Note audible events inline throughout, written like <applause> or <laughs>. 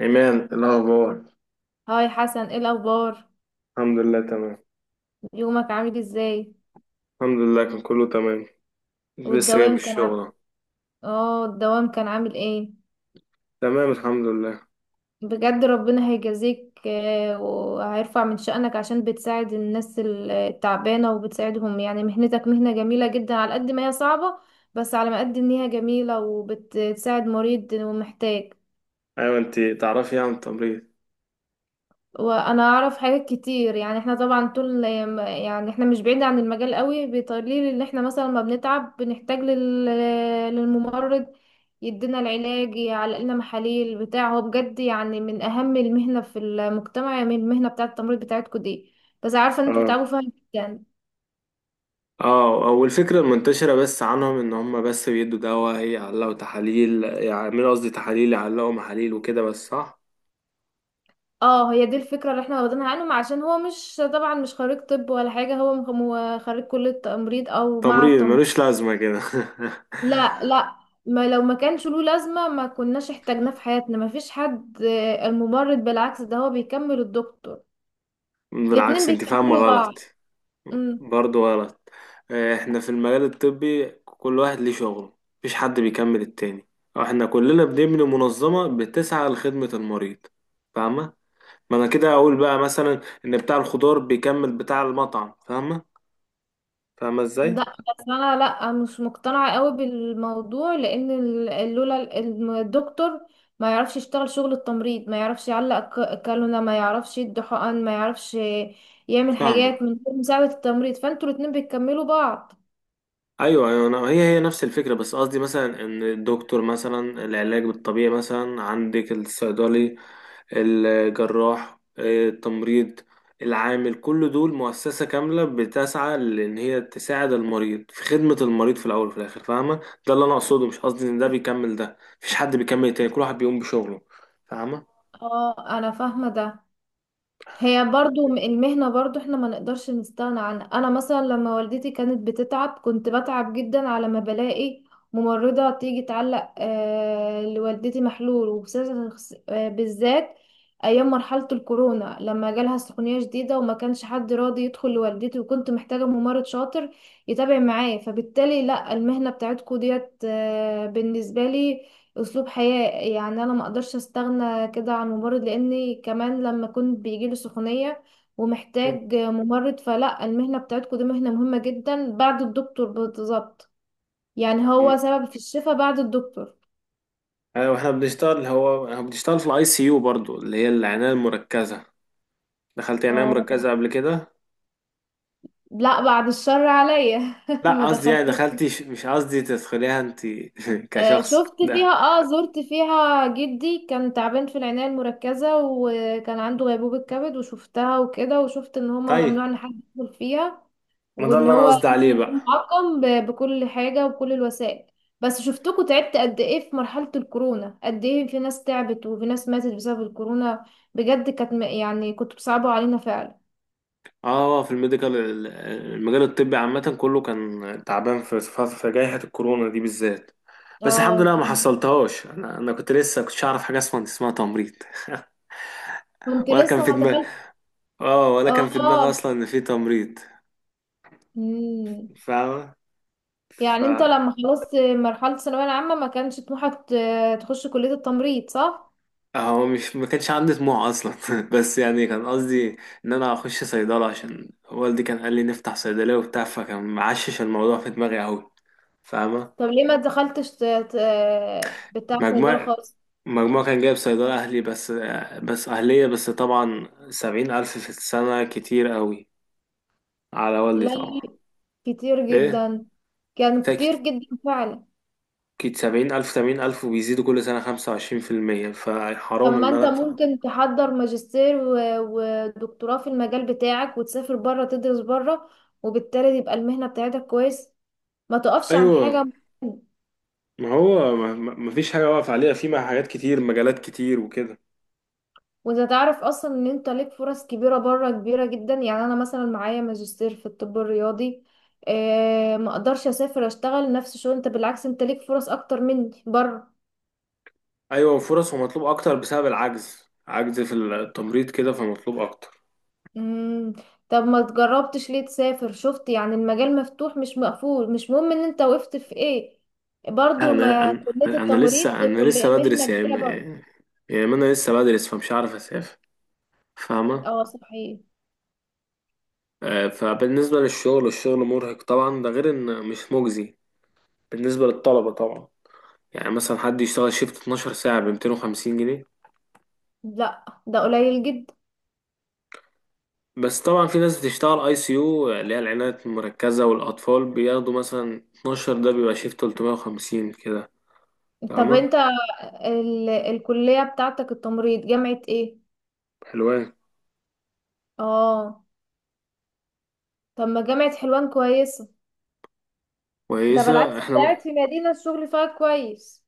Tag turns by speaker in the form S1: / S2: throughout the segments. S1: إيمان، إيه الأخبار؟
S2: هاي حسن، ايه الاخبار؟
S1: الحمد لله تمام.
S2: يومك عامل ازاي؟
S1: الحمد لله كان كله تمام. لسه جاي من
S2: والدوام كان ع...
S1: الشغل أهو.
S2: اه الدوام كان عامل ايه؟
S1: تمام الحمد لله.
S2: بجد ربنا هيجازيك، وهيرفع من شأنك عشان بتساعد الناس التعبانة، وبتساعدهم. يعني مهنتك مهنة جميلة جدا على قد ما هي صعبة، بس على ما قد ان هي جميلة وبتساعد مريض ومحتاج.
S1: أيوة، أنت تعرفي عن التمريض؟
S2: وانا اعرف حاجات كتير، يعني احنا طبعا طول، يعني احنا مش بعيد عن المجال قوي. بيطليل ان احنا مثلا ما بنتعب، بنحتاج للممرض يدينا العلاج، يعلق لنا محاليل بتاع. هو بجد يعني من اهم المهنة في المجتمع، من المهنة بتاعة التمريض بتاعتكم دي. بس عارفة ان انتوا
S1: اه
S2: بتتعبوا فيها جدا.
S1: اه أول فكرة منتشرة بس عنهم إن هم بس بيدوا دواء إيه، يعلقوا تحاليل يعملوا قصدي تحاليل يعلقوا محاليل وكده بس، صح؟
S2: اه، هي دي الفكرة اللي احنا واخدينها عنهم، عشان هو مش طبعا، مش خريج طب ولا حاجة، هو خريج كلية تمريض او مع
S1: تمريض
S2: التمريض.
S1: ملوش لازمة كده؟
S2: لا، لا. ما لو ما كانش له لازمة، ما كناش احتاجناه في حياتنا، ما فيش حد. الممرض بالعكس ده هو بيكمل الدكتور.
S1: <laughs>
S2: الاتنين
S1: بالعكس، أنت فاهمة
S2: بيكملوا بعض.
S1: غلط.
S2: امم
S1: برضه غلط. آه، احنا في المجال الطبي كل واحد ليه شغله. مفيش حد بيكمل التاني. احنا كلنا بنبني منظمة بتسعى لخدمة المريض. فاهمة؟ ما انا كده اقول بقى مثلا ان بتاع الخضار بيكمل بتاع المطعم، فاهمة؟ فاهمة ازاي؟
S2: لا، بس انا لا مش مقتنعة قوي بالموضوع، لان لولا الدكتور ما يعرفش يشتغل شغل التمريض، ما يعرفش يعلق كالونة، ما يعرفش يدي حقن، ما يعرفش يعمل
S1: فاهمة.
S2: حاجات من غير مساعدة التمريض. فانتوا الاتنين بيكملوا بعض.
S1: ايوه ايوه، أنا هي نفس الفكرة، بس قصدي مثلا ان الدكتور مثلا العلاج الطبيعي مثلا، عندك الصيدلي، الجراح، آه، التمريض، العامل، كل دول مؤسسة كاملة بتسعى لأن هي تساعد المريض في خدمة المريض في الأول وفي الآخر، فاهمة. ده اللي أنا أقصده، مش قصدي إن ده بيكمل ده، مفيش حد بيكمل التاني، كل واحد بيقوم بشغله، فاهمة.
S2: اه، انا فاهمة ده. هي برضو المهنة برضو احنا ما نقدرش نستغنى عنها. انا مثلا لما والدتي كانت بتتعب، كنت بتعب جدا على ما بلاقي ممرضة تيجي تعلق لوالدتي محلول بالذات ايام مرحلة الكورونا لما جالها سخونية شديدة، وما كانش حد راضي يدخل لوالدتي، وكنت محتاجة ممرض شاطر يتابع معايا. فبالتالي لا، المهنة بتاعتكو ديت بالنسبة لي اسلوب حياة. يعني انا ما اقدرش استغنى كده عن ممرض، لاني كمان لما كنت بيجيلي سخونية ومحتاج ممرض. فلا، المهنة بتاعتكم دي مهنة مهمة جدا بعد الدكتور بالظبط، يعني هو
S1: مم.
S2: سبب في الشفاء بعد الدكتور.
S1: أيوة، إحنا بنشتغل، هو إحنا بنشتغل في الأي سي يو برضو اللي هي العناية المركزة. دخلت عناية
S2: اه،
S1: مركزة قبل كده؟
S2: لا بعد الشر عليا. <laughs> ما
S1: لا قصدي يعني
S2: دخلتش.
S1: دخلتي، مش قصدي تدخليها أنت، <laughs> كشخص
S2: شفت فيها،
S1: ده.
S2: زرت فيها، جدي كان تعبان في العناية المركزة وكان عنده غيبوبة كبد، وشفتها وكده. وشفت ان هما
S1: طيب.
S2: ممنوع ان حد يدخل فيها،
S1: ما ده
S2: وان
S1: اللي أنا
S2: هو
S1: قصدي
S2: لازم
S1: عليه
S2: يكون
S1: بقى.
S2: معقم بكل حاجة وبكل الوسائل. بس شفتكوا تعبت قد ايه في مرحلة الكورونا، قد ايه في ناس تعبت وفي ناس ماتت بسبب الكورونا. بجد كانت يعني كنتوا بتصعبوا علينا فعلا.
S1: اه، في المجال الطبي عامة كله كان تعبان في جائحة الكورونا دي بالذات. بس الحمد
S2: اه
S1: لله ما
S2: كان-.
S1: حصلتهاش. انا كنت لسه كنتش اعرف حاجة اسمها تمريض. <laughs>
S2: كنت
S1: ولا كان
S2: لسه
S1: في
S2: ما
S1: دماغي.
S2: دخلت.
S1: اه، ولا كان في دماغي
S2: اه.
S1: اصلا ان في تمريض.
S2: مم.
S1: فاهمة. ف
S2: يعني انت لما خلصت مرحلة الثانوية العامة، ما كانش طموحك تخش كلية التمريض، صح؟
S1: هو مش ما كانش عندي طموح اصلا، <laughs> بس يعني كان قصدي ان انا اخش صيدلة، عشان والدي كان قال لي نفتح صيدلية وبتاع، فكان معشش الموضوع في دماغي قوي. فاهمة.
S2: طب ليه ما دخلتش بتاع صيدلة
S1: مجموع.
S2: خالص؟
S1: مجموع كان جايب صيدلة أهلي بس. بس أهلية بس، طبعا 70,000 في السنة كتير قوي على والدي
S2: لا،
S1: طبعا.
S2: لا، كتير
S1: إيه.
S2: جدا. كان كتير
S1: تاكت
S2: جدا فعلا.
S1: كت 70,000 70,000 وبيزيدوا كل سنة 25%،
S2: طب
S1: فحرام
S2: ما
S1: إن أنا
S2: انت
S1: أدفع.
S2: ممكن تحضر ماجستير ودكتوراه في المجال بتاعك، وتسافر بره تدرس بره، وبالتالي يبقى المهنة بتاعتك كويس، ما تقفش عن حاجة.
S1: أيوة، ما هو مفيش حاجة واقف عليها، في مع حاجات كتير، مجالات كتير وكده.
S2: وانت تعرف اصلا ان انت ليك فرص كبيرة بره، كبيرة جدا. يعني انا مثلا معايا ماجستير في الطب الرياضي، اه ما اقدرش اسافر اشتغل نفس الشغل. انت بالعكس، انت ليك فرص اكتر مني بره.
S1: أيوة، وفرص، ومطلوب أكتر بسبب العجز، عجز في التمريض كده، فمطلوب أكتر.
S2: مم. طب ما جربتش ليه تسافر؟ شفت يعني المجال مفتوح مش مقفول، مش مهم ان انت وقفت في ايه، برضو
S1: انا
S2: ما
S1: انا
S2: كلية
S1: انا
S2: التمريض
S1: لسه
S2: دي
S1: انا
S2: كلية
S1: لسه
S2: مهنة
S1: بدرس يعني
S2: كبيرة برضو.
S1: يعني ما انا لسه بدرس، فمش عارف اسافر. فاهمه.
S2: اه صحيح.
S1: آه، فبالنسبه للشغل، الشغل مرهق طبعا، ده غير ان مش مجزي بالنسبه للطلبه طبعا. يعني مثلا حد يشتغل شيفت 12 ساعه ب 250 جنيه.
S2: لا، ده قليل جدا.
S1: بس طبعا في ناس بتشتغل اي سي يو اللي هي العنايه المركزه والاطفال بياخدوا مثلا 12، ده بيبقى شيفت 350 كده،
S2: طب
S1: فاهمه.
S2: انت الكلية بتاعتك التمريض جامعة ايه؟
S1: حلوان.
S2: اه. طب ما جامعة حلوان كويسة، ده بالعكس
S1: كويسه،
S2: بتاعت في مدينة، الشغل فيها كويس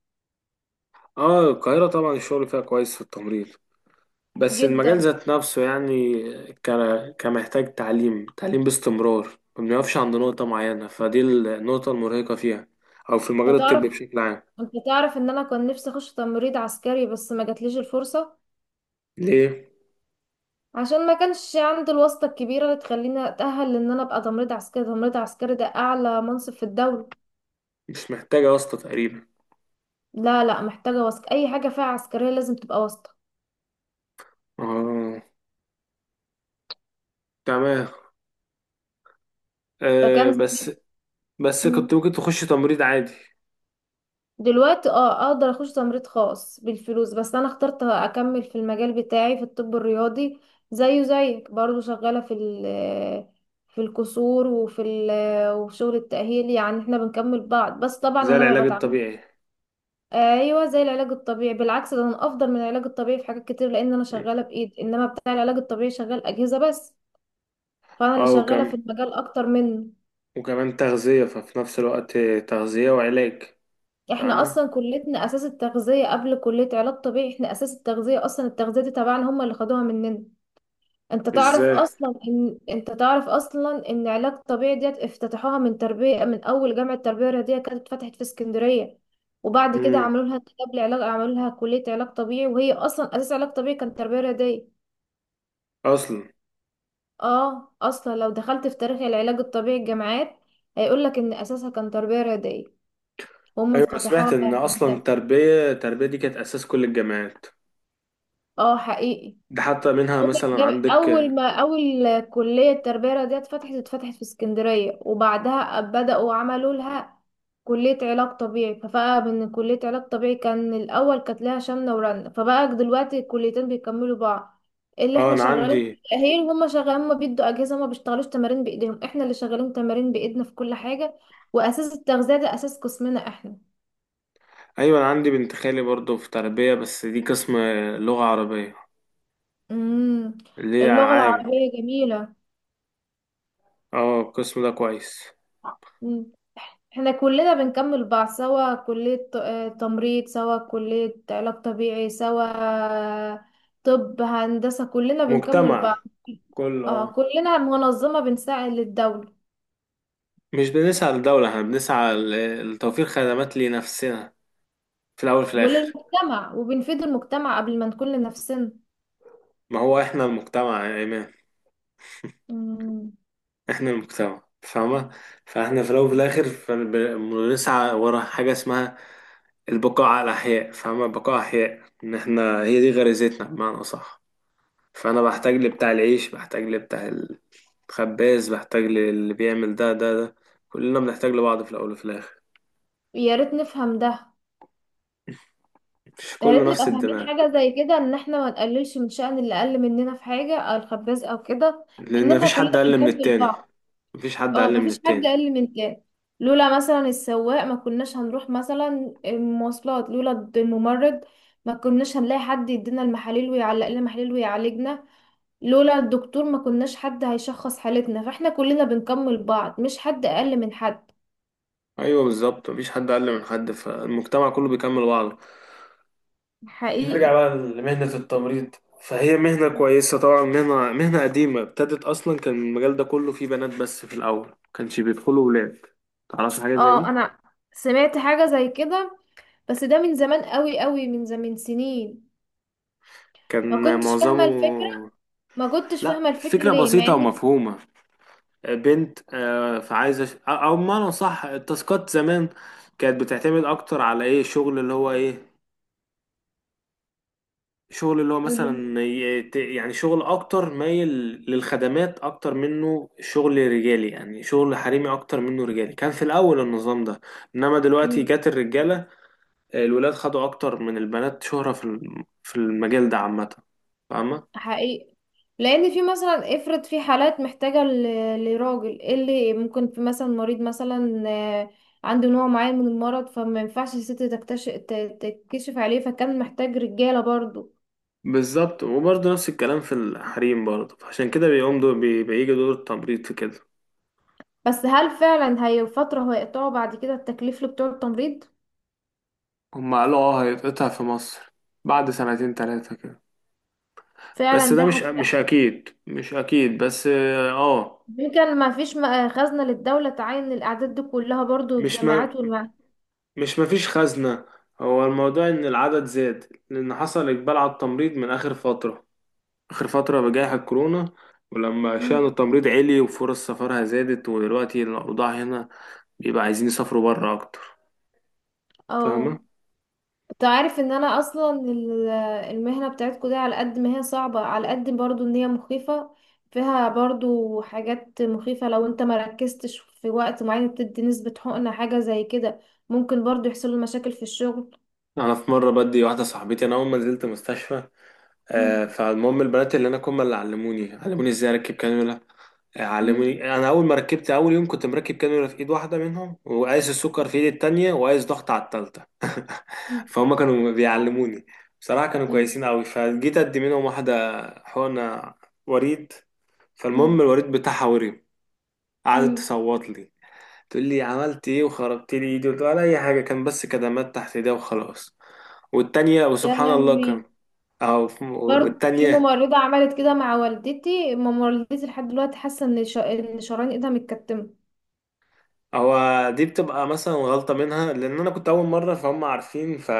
S1: اه، القاهره طبعا الشغل فيها كويس في التمريض، بس المجال
S2: جدا.
S1: ذات نفسه يعني كمحتاج تعليم، تعليم باستمرار. ما بنقفش عند نقطة معينة، فدي النقطة المرهقة فيها، أو في المجال
S2: انت
S1: الطبي
S2: تعرف
S1: بشكل عام.
S2: انت تعرف ان انا كان نفسي اخش تمريض عسكري، بس ما جاتليش الفرصة،
S1: ليه؟
S2: عشان ما كانش عندي الواسطة الكبيرة اللي تخليني أتأهل لأن أنا أبقى تمريض عسكري. تمريض عسكري ده أعلى منصب في الدولة.
S1: مش محتاجة واسطة تقريبا.
S2: لا، لا، محتاجة واسطة، أي حاجة فيها عسكرية لازم تبقى واسطة.
S1: اه، تمام. آه
S2: فكان
S1: بس.
S2: زمان-.
S1: بس
S2: مم.
S1: كنت ممكن تخش تمريض عادي.
S2: دلوقتي أقدر أخش تمريض خاص بالفلوس، بس أنا اخترت أكمل في المجال بتاعي في الطب الرياضي، زيه زيك برضه، شغالة في ال في الكسور، وفي شغل التأهيل. يعني احنا بنكمل بعض، بس طبعا
S1: زي
S2: أنا
S1: العلاج
S2: ما بتعاملش.
S1: الطبيعي.
S2: ايوه زي العلاج الطبيعي. بالعكس ده انا افضل من العلاج الطبيعي في حاجات كتير، لان انا شغاله بايد، انما بتاع العلاج الطبيعي شغال اجهزه بس، فانا اللي
S1: اه
S2: شغاله في
S1: وكم
S2: المجال اكتر منه.
S1: وكمان تغذية، ففي نفس الوقت تغذية وعلاج.
S2: احنا اصلا
S1: فاهمة؟
S2: كليتنا اساس التغذيه قبل كليه علاج طبيعي، احنا اساس التغذيه اصلا، التغذيه دي تبعنا، هم اللي خدوها مننا. انت تعرف
S1: ازاي؟
S2: اصلا ان انت تعرف اصلا ان علاج طبيعي ديت افتتحوها من تربيه، من اول جامعه تربيه رياضيه كانت اتفتحت في اسكندريه. وبعد كده
S1: مم.
S2: عملوا لها قبل علاج، عملوا لها كليه علاج طبيعي، وهي اصلا اساس علاج طبيعي كانت تربيه رياضيه.
S1: أصلا.
S2: اه اصلا لو دخلت في تاريخ العلاج الطبيعي، الجامعات هيقولك ان اساسها كان تربية رياضية، وهم
S1: ايوه، انا سمعت
S2: فتحوها.
S1: ان اصلا التربيه دي كانت اساس كل الجامعات.
S2: اه حقيقي.
S1: ده حتى منها
S2: أول
S1: مثلا
S2: جام-
S1: عندك.
S2: أول ما أول كلية تربية رياضية اتفتحت في اسكندرية، وبعدها بدأوا عملوا لها كلية علاج طبيعي، فبقى من كلية علاج طبيعي كان الأول، كانت لها شمنة ورنة، فبقى دلوقتي الكليتين بيكملوا بعض. اللي
S1: اه
S2: احنا
S1: انا
S2: شغالين في
S1: عندي.
S2: التأهيل، وهم شغالين، هما بيدوا أجهزة، هما بيشتغلوش تمارين بإيديهم، احنا اللي شغالين تمارين بإيدنا في كل حاجة، وأساس التغذية ده أساس قسمنا احنا.
S1: ايوه انا عندي بنت خالي برضه في تربيه، بس دي قسم لغه عربيه،
S2: امم
S1: اللي هي
S2: اللغة
S1: عام.
S2: العربية جميلة.
S1: اه، القسم ده كويس.
S2: امم احنا كلنا بنكمل بعض سوا، كلية تمريض، سوا كلية علاج طبيعي، سوا طب، هندسة، كلنا بنكمل
S1: مجتمع.
S2: بعض.
S1: كله،
S2: اه
S1: اه.
S2: كلنا منظمة بنساعد للدولة
S1: مش بنسعى للدوله، احنا بنسعى لتوفير خدمات لنفسنا في الاول في الاخر.
S2: وللمجتمع، وبنفيد المجتمع قبل ما نكون لنفسنا.
S1: ما هو احنا المجتمع يا ايمان.
S2: مم.
S1: احنا المجتمع، فاهمه. فاحنا في الاول وفي الاخر فبنسعى ورا حاجه اسمها البقاء على الأحياء، فاهمة، البقاء أحياء، إن إحنا هي دي غريزتنا بمعنى أصح. فأنا بحتاج لبتاع العيش، بحتاج لبتاع الخباز، بحتاج للي بيعمل ده ده ده، كلنا بنحتاج لبعض في الأول وفي الآخر.
S2: يا ريت نفهم ده.
S1: مش
S2: يا ريت
S1: كله
S2: نبقى
S1: نفس
S2: فاهمين
S1: الدماغ.
S2: حاجة زي كده، ان احنا ما نقللش من شأن اللي اقل مننا في حاجة، او الخباز او كده، لان
S1: لأن
S2: احنا
S1: مفيش
S2: كلنا
S1: حد أقل من
S2: بنكمل
S1: التاني.
S2: بعض.
S1: مفيش حد
S2: اه،
S1: أقل من
S2: مفيش حد
S1: التاني.
S2: اقل من كام. لولا مثلا السواق ما كناش هنروح مثلا المواصلات، لولا الممرض ما كناش هنلاقي حد يدينا المحاليل ويعلق لنا محاليل ويعالجنا، لولا الدكتور ما كناش حد هيشخص حالتنا، فاحنا كلنا بنكمل بعض، مش حد اقل من حد.
S1: أيوه، بالظبط، مفيش حد أقل من حد، فالمجتمع كله بيكمل بعضه. نرجع
S2: حقيقي.
S1: بقى لمهنة التمريض. فهي مهنة كويسة طبعا، مهنة، مهنة قديمة، ابتدت أصلا كان المجال ده كله فيه بنات بس في الأول، مكانش بيدخلوا ولاد. تعرفش حاجة زي
S2: اه
S1: دي؟
S2: انا سمعت حاجة زي كده، بس ده من زمان قوي قوي، من زمان سنين. ما
S1: كان
S2: كنتش فاهمة الفكرة
S1: معظمه.
S2: ما كنتش فاهمة
S1: لا،
S2: الفكرة
S1: الفكرة
S2: ليه، مع
S1: بسيطة ومفهومة. بنت، آه، فعايزة أو أو بمعنى صح، التاسكات زمان كانت بتعتمد أكتر على إيه، الشغل اللي هو إيه، شغل اللي هو مثلا يعني شغل اكتر مايل للخدمات اكتر منه شغل رجالي، يعني شغل حريمي اكتر منه رجالي، كان في الاول النظام ده. انما دلوقتي
S2: ان
S1: جات الرجاله، الولاد خدوا اكتر من البنات شهرة في المجال ده عامة، فاهمة.
S2: حقيقي. لان في مثلا، افرض في حالات محتاجة لراجل، إيه اللي ممكن، في مثلا مريض مثلا، عنده نوع معين من المرض، فما ينفعش الست تكشف عليه، فكان محتاج رجالة برضو.
S1: بالظبط، وبرضه نفس الكلام في الحريم برضه، فعشان كده بيقوم دور بيجي دور التمريض في كده.
S2: بس هل فعلا هي فترة هيقطعوا بعد كده التكليف اللي بتوع التمريض؟
S1: هم قالوا اه هيتقطع في مصر بعد 2 3 كده. بس
S2: فعلا
S1: ده
S2: ده
S1: مش،
S2: هتبقى
S1: مش
S2: ح-.
S1: اكيد، مش اكيد بس. اه.
S2: يمكن ما فيش خزنة للدولة تعين الأعداد دي كلها برضو،
S1: مش ما
S2: الجامعات والمع.
S1: مش مفيش خزنة. هو الموضوع إن العدد زاد، لأن حصل إقبال على التمريض من آخر فترة، آخر فترة بجائحة كورونا. ولما شأن
S2: مم.
S1: التمريض عالي وفرص سفرها زادت، ودلوقتي الأوضاع هنا بيبقى عايزين يسافروا بره أكتر،
S2: اه،
S1: فاهمة؟
S2: انت عارف ان انا اصلا المهنة بتاعتكم دي، على قد ما هي صعبة، على قد برضو ان هي مخيفة، فيها برضو حاجات مخيفة. لو انت ما ركزتش في وقت معين بتدي نسبة حقنة حاجة زي كده، ممكن برضو يحصل له مشاكل في الشغل.
S1: أنا في مرة بدي واحدة صاحبتي، أنا أول ما نزلت مستشفى آه،
S2: مم.
S1: فالمهم البنات اللي أنا كنا اللي علموني، علموني إزاي أركب كانيولا.
S2: مم.
S1: علموني انا اول ما ركبت، اول يوم كنت مركب كانولا في ايد واحده منهم، وقايس السكر في ايد التانية، وقايس ضغط على التالتة. <laughs>
S2: مم.
S1: فهم كانوا بيعلموني، بصراحه كانوا
S2: مم.
S1: كويسين قوي. فجيت ادي منهم واحده حقنه وريد،
S2: مم.
S1: فالمهم الوريد بتاعها ورم، قعدت
S2: مم.
S1: تصوت لي، تقول لي عملت ايه وخربت لي ايدي، قلت لها ولا اي حاجه، كان بس كدمات تحت ايديها وخلاص. والتانية
S2: يا
S1: وسبحان الله كان،
S2: لهوي.
S1: اه
S2: برضو في
S1: والتانية.
S2: ممرضة عملت كده مع والدتي، ماما والدتي لحد دلوقتي حاسة ان شرايين ايدها متكتمة.
S1: هو دي بتبقى مثلا غلطة منها، لأن أنا كنت أول مرة، فهم عارفين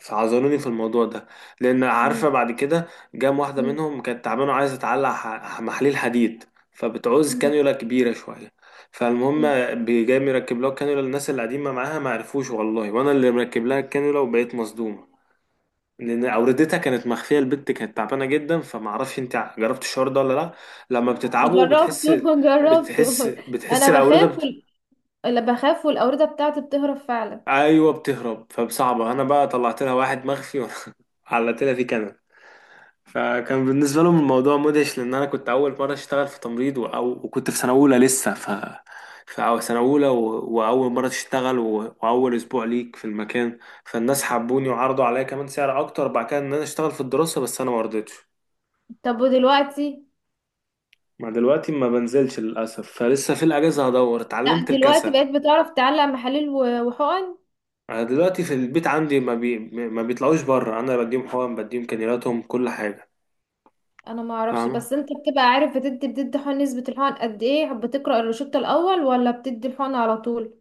S1: فعذروني في الموضوع ده، لأن عارفة
S2: مم.
S1: بعد كده جام واحدة
S2: مم.
S1: منهم كانت تعبانة وعايزة تعلق محاليل حديد، فبتعوز كانيولا كبيرة شوية، فالمهم
S2: مم.
S1: جاي مركب لها الكانيولا، الناس اللي قاعدين معاها ما عرفوش والله، وأنا اللي مركب لها الكانيولا، وبقيت مصدومة لأن أوردتها كانت مخفية، البت كانت تعبانة جدا. فما أعرفش أنت جربت الشعور ده ولا لأ، لما بتتعبوا بتحس،
S2: جربته <laughs>
S1: بتحس
S2: جربته.
S1: بتحس
S2: انا
S1: الأوردة.
S2: بخاف، اللي بخاف والاوردة بتاعتي بتهرب فعلا.
S1: ايوه، بتهرب، فبصعبه انا بقى طلعت لها واحد مخفي، <laughs> وعلقت لها فيه كنب. فكان بالنسبه لهم الموضوع مدهش، لان انا كنت اول مره اشتغل في تمريض و- أو وكنت في سنه اولى لسه، في سنه اولى واول مره تشتغل واول اسبوع ليك في المكان. فالناس حبوني، وعرضوا عليا كمان سعر اكتر بعد كده ان انا اشتغل في الدراسه، بس انا ما رضيتش.
S2: طب ودلوقتي؟
S1: ما دلوقتي ما بنزلش للاسف، فلسه في الاجازه هدور،
S2: لا
S1: اتعلمت
S2: دلوقتي
S1: الكسل.
S2: بقيت بتعرف تعلق محاليل وحقن؟
S1: انا دلوقتي في البيت عندي ما بيطلعوش بره، انا بديهم حقن، بديهم كانيلاتهم، كل حاجه.
S2: انا ما اعرفش،
S1: فاهمة.
S2: بس انت بتبقى عارف بتدي حقن؟ نسبة الحقن قد ايه؟ بتقرأ الروشتة الاول، ولا بتدي الحقن على طول؟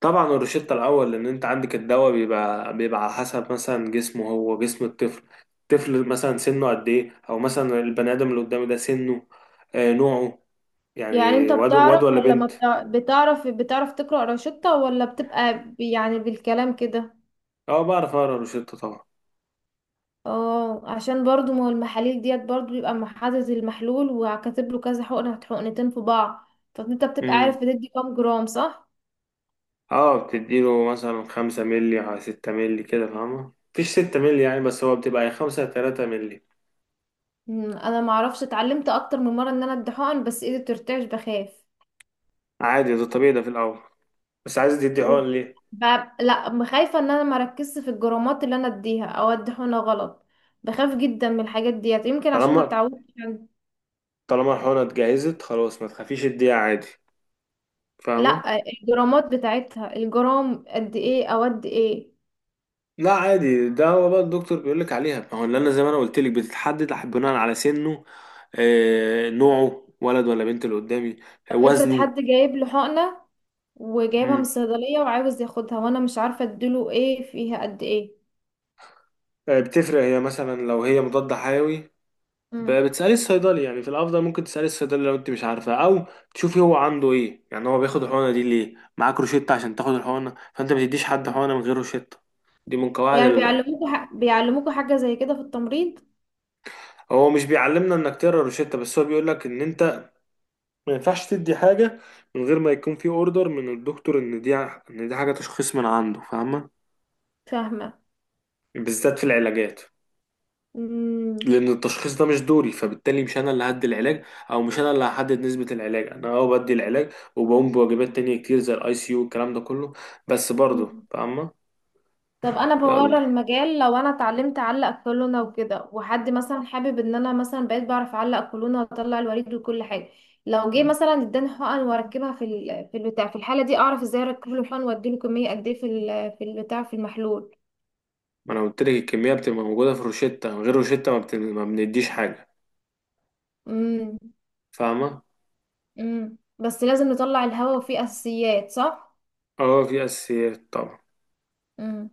S1: طبعا الروشتة الأول، لأن أنت عندك الدواء، بيبقى على حسب مثلا جسمه، هو جسم الطفل، الطفل مثلا سنه قد إيه، أو مثلا البني آدم اللي قدامي ده سنه، آه، نوعه،
S2: يعني
S1: يعني
S2: انت
S1: واد
S2: بتعرف
S1: ولا
S2: ولا ما
S1: بنت.
S2: بتع... بتعرف بتعرف تقرأ روشتة، ولا بتبقى يعني بالكلام كده؟
S1: أه، بعرف أقرا الروشتة طبعا.
S2: اه عشان برضو، ما هو المحاليل ديت برضو بيبقى مع حاطط المحلول، وكاتب له كذا حقنة، حقنتين في بعض، فانت بتبقى عارف
S1: امم.
S2: بتدي كام جرام، صح؟
S1: أه، بتديله مثلا 5 مللي على 6 مللي كده، فاهمة مفيش 6 مللي يعني، بس هو بتبقى يا 5 يا 3 مللي.
S2: انا ما اعرفش، اتعلمت اكتر من مره ان انا ادي حقن، بس ايدي بترتعش، بخاف.
S1: عادي، ده طبيعي ده في الأول. بس عايز تدي
S2: و...
S1: حقن ليه؟
S2: ب... لا، خايفه ان انا ما ركزش في الجرامات اللي انا اديها، او ادي حقنه غلط، بخاف جدا من الحاجات ديت، يمكن عشان ما
S1: طالما،
S2: اتعودتش عن-.
S1: طالما الحقنة اتجهزت خلاص ما تخافيش، اديها عادي، فاهمة.
S2: لا الجرامات بتاعتها، الجرام قد ايه او قد ايه؟
S1: لا عادي، ده هو بقى الدكتور بيقول لك عليها، ما هو اللي انا زي ما انا قلت لك بتتحدد بناء على سنه، آه، نوعه، ولد ولا بنت اللي قدامي، آه،
S2: طب افرض
S1: وزنه.
S2: حد جايب له حقنه، وجايبها من
S1: مم.
S2: الصيدلية وعاوز ياخدها، وانا مش عارفة اديله ايه، فيها قد ايه؟
S1: آه، بتفرق هي مثلا لو هي مضاد حيوي.
S2: مم.
S1: بتسألي الصيدلي يعني، في الافضل ممكن تسألي الصيدلي لو انت مش عارفه، او تشوفي هو عنده ايه، يعني هو بياخد الحقنه دي ليه، معاك روشته عشان تاخد الحقنه، فانت ما تديش حد حقنه من غير روشته، دي من قواعد
S2: يعني بيعلموكوا حاجة زي كده في التمريض؟
S1: هو مش بيعلمنا انك تقرا روشته بس، هو بيقول لك ان انت ما ينفعش تدي حاجة من غير ما يكون في اوردر من الدكتور، ان دي حاجة تشخيص من عنده، فاهمة.
S2: فاهمة.
S1: بالذات في العلاجات،
S2: مم.
S1: لان التشخيص ده مش دوري، فبالتالي مش انا اللي هدي العلاج، او مش انا اللي هحدد نسبة العلاج، انا اه بدي العلاج وبقوم بواجبات تانية كتير زي الاي سي يو والكلام ده كله، بس برضه
S2: مم.
S1: فاهمة.
S2: طب انا بورا
S1: يلا.
S2: المجال، لو انا اتعلمت اعلق كولونة وكده، وحد مثلا حابب ان انا مثلا بقيت بعرف اعلق كولونة واطلع الوريد وكل حاجة، لو جه مثلا اداني حقن واركبها في البتاع، في الحالة دي اعرف ازاي اركب له الحقن، واديله كمية قد ايه في البتاع، في المحلول؟
S1: ما انا قلت لك الكمية بتبقى موجودة في الروشتة، من غير روشتة ما بنديش حاجة،
S2: امم.
S1: فاهمة.
S2: بس لازم نطلع الهواء، وفيه اساسيات، صح؟
S1: اه في اساسيات طبعا.
S2: امم،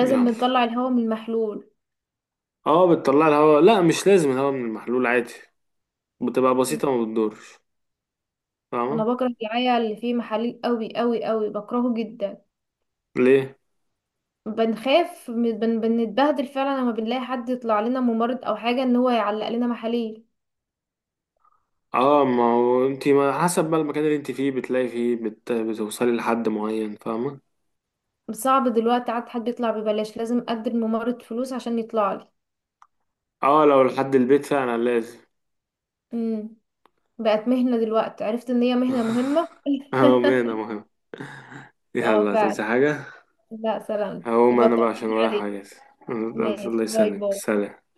S1: يلا.
S2: نطلع الهواء من المحلول.
S1: اه بتطلع الهواء، لا مش لازم الهواء من المحلول عادي، بتبقى
S2: مم.
S1: بسيطة وما بتدورش،
S2: انا
S1: فاهمة.
S2: بكره العيا اللي فيه محاليل قوي قوي قوي، بكرهه جدا.
S1: ليه؟
S2: بنخاف من- بن بنتبهدل فعلا لما بنلاقي حد يطلع لنا ممرض او حاجه، ان هو يعلق لنا محاليل.
S1: اه ما هو انت ما حسب بقى المكان اللي انت فيه بتلاقي فيه بتوصلي لحد معين، فاهمة.
S2: صعب دلوقتي عاد حد يطلع ببلاش، لازم ادي الممرض فلوس عشان يطلع لي.
S1: اه لو لحد البيت فعلا لازم.
S2: امم بقت مهنه دلوقتي، عرفت ان هي مهنه مهمه. <laughs>
S1: <laughs> اهو مهنة مهم.
S2: اه
S1: يلا هتقولي
S2: فعلا.
S1: حاجة؟
S2: لا سلام.
S1: هقوم
S2: يبقى
S1: انا بقى
S2: طمني
S1: عشان ورايا
S2: عليك،
S1: حاجات.
S2: ماشي.
S1: الله
S2: باي
S1: يسلمك،
S2: باي.
S1: سلام.